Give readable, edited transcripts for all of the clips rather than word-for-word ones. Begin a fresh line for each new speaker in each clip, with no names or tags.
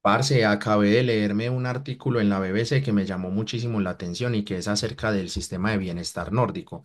Parce, acabé de leerme un artículo en la BBC que me llamó muchísimo la atención y que es acerca del sistema de bienestar nórdico.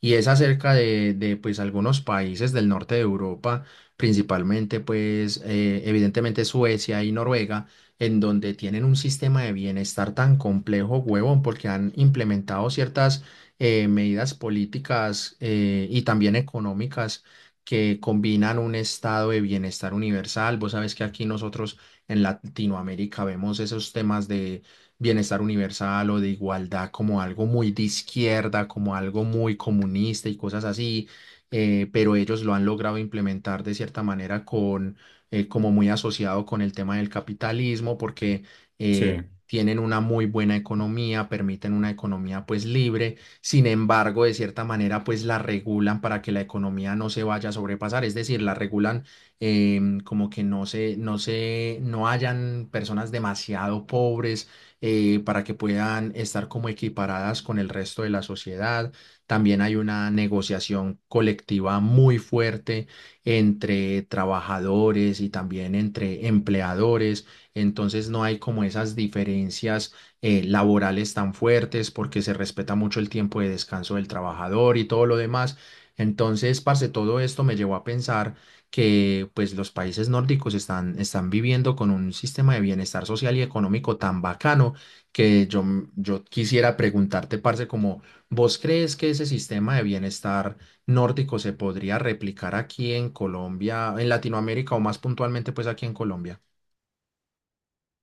Y es acerca pues algunos países del norte de Europa, principalmente pues evidentemente Suecia y Noruega, en donde tienen un sistema de bienestar tan complejo, huevón, porque han implementado ciertas medidas políticas y también económicas que combinan un estado de bienestar universal. Vos sabés que aquí nosotros en Latinoamérica vemos esos temas de bienestar universal o de igualdad como algo muy de izquierda, como algo muy comunista y cosas así, pero ellos lo han logrado implementar de cierta manera con, como muy asociado con el tema del capitalismo, porque
Sí.
tienen una muy buena economía, permiten una economía pues libre. Sin embargo, de cierta manera pues la regulan para que la economía no se vaya a sobrepasar, es decir, la regulan como que no hayan personas demasiado pobres, para que puedan estar como equiparadas con el resto de la sociedad. También hay una negociación colectiva muy fuerte entre trabajadores y también entre empleadores. Entonces no hay como esas diferencias laborales tan fuertes, porque se respeta mucho el tiempo de descanso del trabajador y todo lo demás. Entonces, parce, todo esto me llevó a pensar que pues los países nórdicos están viviendo con un sistema de bienestar social y económico tan bacano que yo, yo quisiera preguntarte, parce, como ¿vos crees que ese sistema de bienestar nórdico se podría replicar aquí en Colombia, en Latinoamérica, o más puntualmente pues aquí en Colombia?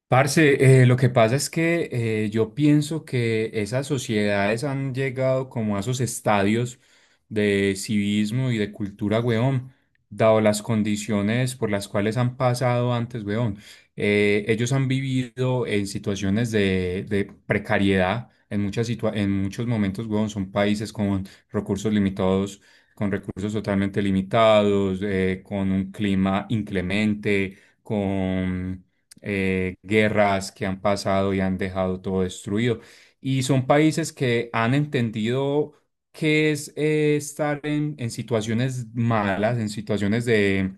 Parce, lo que pasa es que yo pienso que esas sociedades han llegado como a esos estadios de civismo y de cultura, weón, dado las condiciones por las cuales han pasado antes, weón. Ellos han vivido en situaciones de precariedad en muchas en muchos momentos, weón. Son países con recursos limitados, con recursos totalmente limitados, con un clima inclemente con guerras que han pasado y han dejado todo destruido. Y son países que han entendido qué es estar en situaciones malas, en situaciones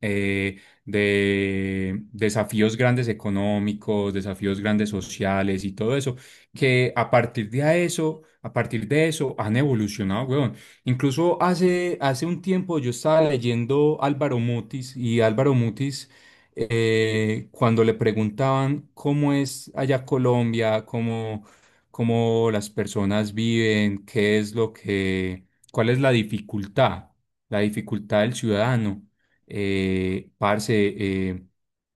de desafíos grandes económicos, desafíos grandes sociales y todo eso, que a partir de eso han evolucionado, weón. Incluso hace un tiempo yo estaba leyendo Álvaro Mutis y Álvaro Mutis, cuando le preguntaban cómo es allá Colombia, cómo, cómo las personas viven, qué es lo que, cuál es la dificultad del ciudadano parce, eh,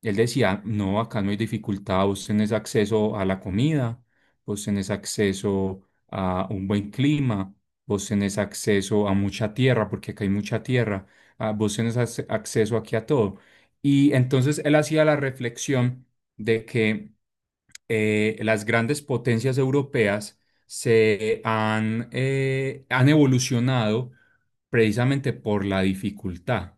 él decía, no, acá no hay dificultad, vos tenés acceso a la comida, vos tenés acceso a un buen clima, vos tenés acceso a mucha tierra, porque acá hay mucha tierra, ah, vos tenés acceso aquí a todo. Y entonces él hacía la reflexión de que las grandes potencias europeas se han, han evolucionado precisamente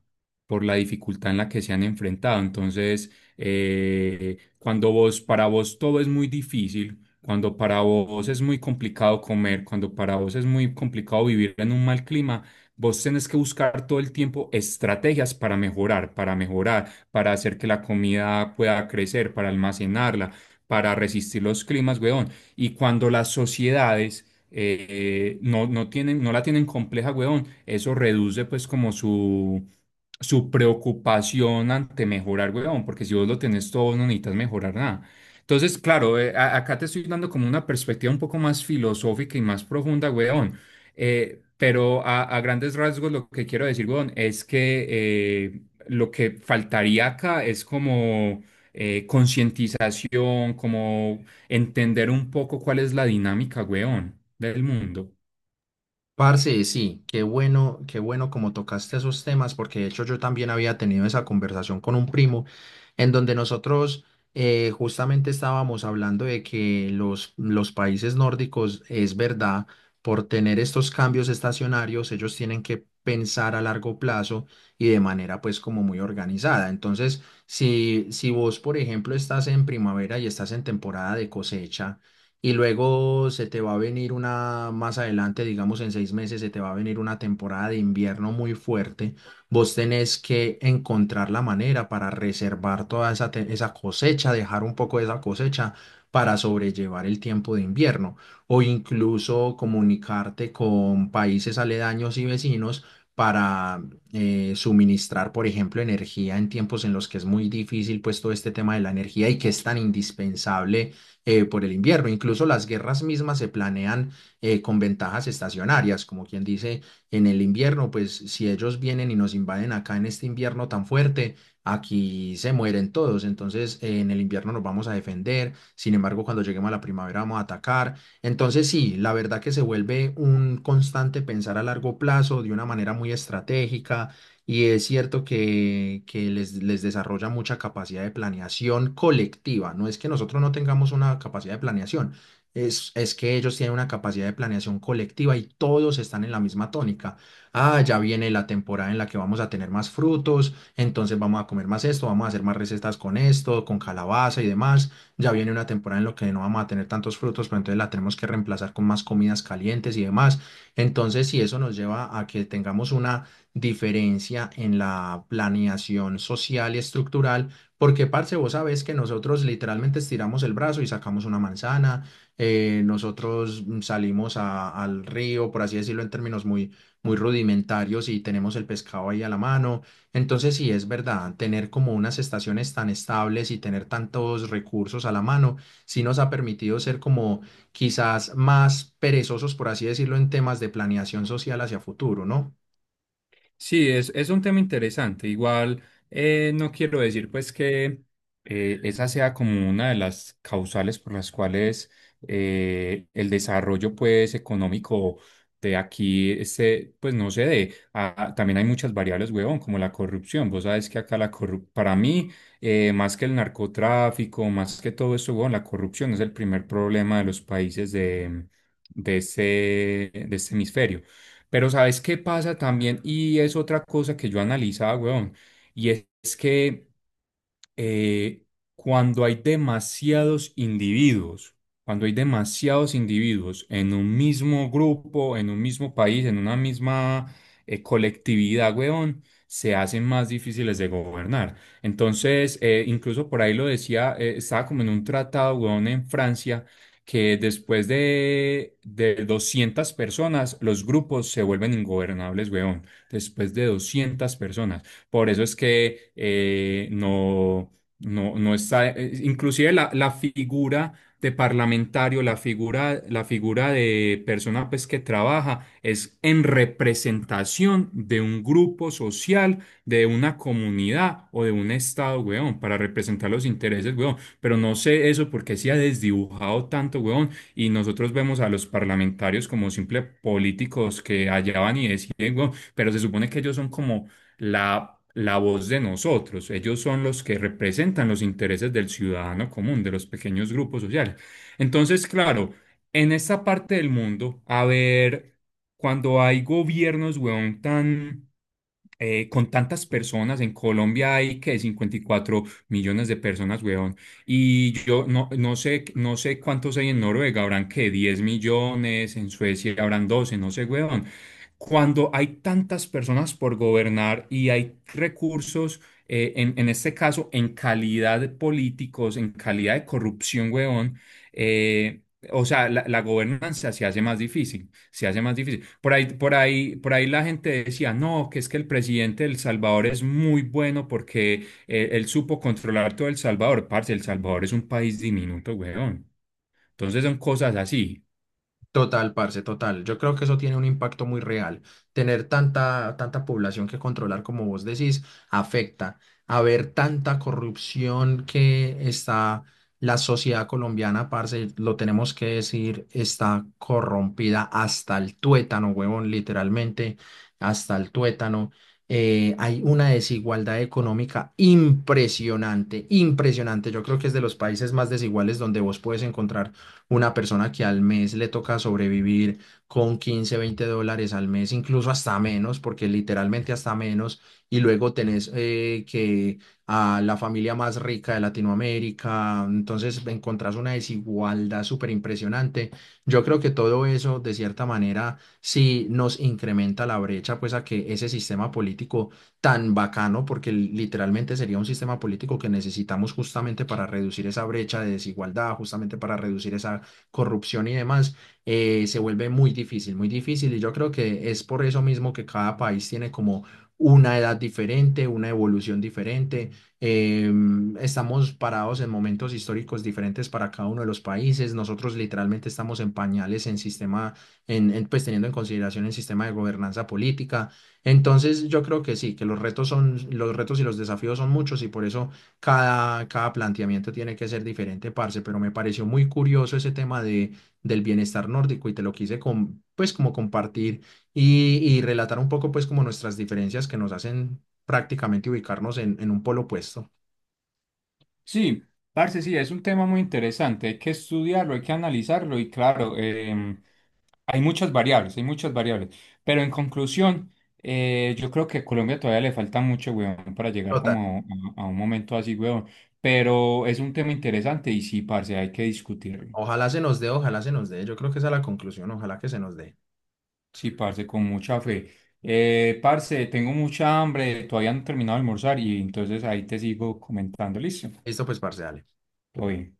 por la dificultad en la que se han enfrentado. Entonces, cuando vos, para vos todo es muy difícil, cuando para vos es muy complicado comer, cuando para vos es muy complicado vivir en un mal clima, vos tenés que buscar todo el tiempo estrategias para mejorar, para mejorar, para hacer que la comida pueda crecer, para almacenarla para resistir los climas, weón. Y cuando las sociedades no, no la tienen compleja, weón, eso reduce pues como su su preocupación ante mejorar, weón, porque si vos lo tenés todo, no necesitas mejorar nada. Entonces, claro, acá te estoy dando como una perspectiva un poco más filosófica y más profunda, weón. Pero a grandes rasgos lo que quiero decir, weón, es que eh, lo que faltaría acá es como concientización, como entender un poco cuál es la dinámica, weón, del mundo.
Parce, sí, qué bueno como tocaste esos temas, porque de hecho yo también había tenido esa conversación con un primo, en donde nosotros justamente estábamos hablando de que los países nórdicos, es verdad, por tener estos cambios estacionarios, ellos tienen que pensar a largo plazo y de manera pues como muy organizada. Entonces, si vos, por ejemplo, estás en primavera y estás en temporada de cosecha, y luego se te va a venir una, más adelante, digamos en 6 meses, se te va a venir una temporada de invierno muy fuerte. Vos tenés que encontrar la manera para reservar toda esa cosecha, dejar un poco de esa cosecha para sobrellevar el tiempo de invierno, o incluso comunicarte con países aledaños y vecinos para suministrar, por ejemplo, energía en tiempos en los que es muy difícil pues todo este tema de la energía y que es tan indispensable por el invierno. Incluso las guerras mismas se planean con ventajas estacionarias, como quien dice: en el invierno, pues si ellos vienen y nos invaden acá en este invierno tan fuerte, aquí se mueren todos, entonces en el invierno nos vamos a defender, sin embargo, cuando lleguemos a la primavera vamos a atacar. Entonces sí, la verdad que se vuelve un constante pensar a largo plazo de una manera muy estratégica, y es cierto que les desarrolla mucha capacidad de planeación colectiva. No es que nosotros no tengamos una capacidad de planeación, es que ellos tienen una capacidad de planeación colectiva y todos están en la misma tónica. Ah, ya viene la temporada en la que vamos a tener más frutos, entonces vamos a comer más esto, vamos a hacer más recetas con esto, con calabaza y demás. Ya viene una temporada en la que no vamos a tener tantos frutos, pero entonces la tenemos que reemplazar con más comidas calientes y demás. Entonces, si eso nos lleva a que tengamos una diferencia en la planeación social y estructural, porque, parce, vos sabés que nosotros literalmente estiramos el brazo y sacamos una manzana, nosotros salimos al río, por así decirlo, en términos muy, muy rudimentarios, y tenemos el pescado ahí a la mano. Entonces, sí, es verdad, tener como unas estaciones tan estables y tener tantos recursos a la mano sí nos ha permitido ser como quizás más perezosos, por así decirlo, en temas de planeación social hacia futuro, ¿no?
Sí, es un tema interesante. Igual no quiero decir pues que esa sea como una de las causales por las cuales el desarrollo pues económico de aquí este, pues no se dé. Ah, también hay muchas variables, huevón, como la corrupción. Vos sabes que acá la corrupción, para mí, más que el narcotráfico, más que todo eso, huevón, la corrupción es el primer problema de los países de ese, de este hemisferio. Pero ¿sabes qué pasa también? Y es otra cosa que yo analizaba, weón. Y es, que eh, cuando hay demasiados individuos, cuando hay demasiados individuos en un mismo grupo, en un mismo país, en una misma colectividad, weón, se hacen más difíciles de gobernar. Entonces, incluso por ahí lo decía, estaba como en un tratado, weón, en Francia, que después de 200 personas, los grupos se vuelven ingobernables, weón. Después de 200 personas. Por eso es que no, no está, inclusive la figura de parlamentario, la figura de persona pues, que trabaja es en representación de un grupo social, de una comunidad o de un estado, weón, para representar los intereses, weón. Pero no sé eso porque se ha desdibujado tanto, weón, y nosotros vemos a los parlamentarios como simples políticos que allá van y deciden, weón, pero se supone que ellos son como la la voz de nosotros. Ellos son los que representan los intereses del ciudadano común, de los pequeños grupos sociales. Entonces, claro, en esta parte del mundo, a ver, cuando hay gobiernos, weón, tan con tantas personas, en Colombia hay que 54 millones de personas, weón. Y yo no, no sé, no sé cuántos hay en Noruega, habrán que 10 millones, en Suecia habrán 12, no sé, weón. Cuando hay tantas personas por gobernar y hay recursos, en este caso, en calidad de políticos, en calidad de corrupción, weón, eh, o sea, la gobernanza se hace más difícil se hace más difícil. Por ahí la gente decía, no, que es que el presidente de El Salvador es muy bueno porque él supo controlar todo El Salvador. Parce, El Salvador es un país diminuto, weón. Entonces son cosas así.
Total, parce, total. Yo creo que eso tiene un impacto muy real. Tener tanta, tanta población que controlar, como vos decís, afecta. Haber tanta corrupción que está la sociedad colombiana, parce, lo tenemos que decir, está corrompida hasta el tuétano, huevón, literalmente, hasta el tuétano. Hay una desigualdad económica impresionante, impresionante. Yo creo que es de los países más desiguales, donde vos puedes encontrar una persona que al mes le toca sobrevivir con 15, 20 dólares al mes, incluso hasta menos, porque literalmente hasta menos, y luego tenés que a la familia más rica de Latinoamérica, entonces encontrás una desigualdad súper impresionante. Yo creo que todo eso, de cierta manera, sí nos incrementa la brecha, pues a que ese sistema político tan bacano, porque literalmente sería un sistema político que necesitamos justamente para reducir esa brecha de desigualdad, justamente para reducir esa corrupción y demás, se vuelve muy difícil, muy difícil. Y yo creo que es por eso mismo que cada país tiene como una edad diferente, una evolución diferente. Estamos parados en momentos históricos diferentes para cada uno de los países. Nosotros literalmente estamos en pañales en sistema, pues teniendo en consideración el sistema de gobernanza política. Entonces, yo creo que sí, que los retos y los desafíos son muchos, y por eso cada planteamiento tiene que ser diferente, parce. Pero me pareció muy curioso ese tema del bienestar nórdico, y te lo quise pues como compartir y relatar un poco pues como nuestras diferencias que nos hacen prácticamente ubicarnos en un polo opuesto.
Sí, parce, sí, es un tema muy interesante. Hay que estudiarlo, hay que analizarlo y claro, hay muchas variables, hay muchas variables. Pero en conclusión, yo creo que a Colombia todavía le falta mucho, weón, para llegar
Total,
como a un momento así, weón. Pero es un tema interesante y sí, parce, hay que discutirlo.
ojalá se nos dé, ojalá se nos dé, yo creo que esa es la conclusión, ojalá que se nos dé.
Sí, parce, con mucha fe. Parce, tengo mucha hambre, todavía no he terminado de almorzar y entonces ahí te sigo comentando, listo.
Esto pues, parce, dale.
Todo bien.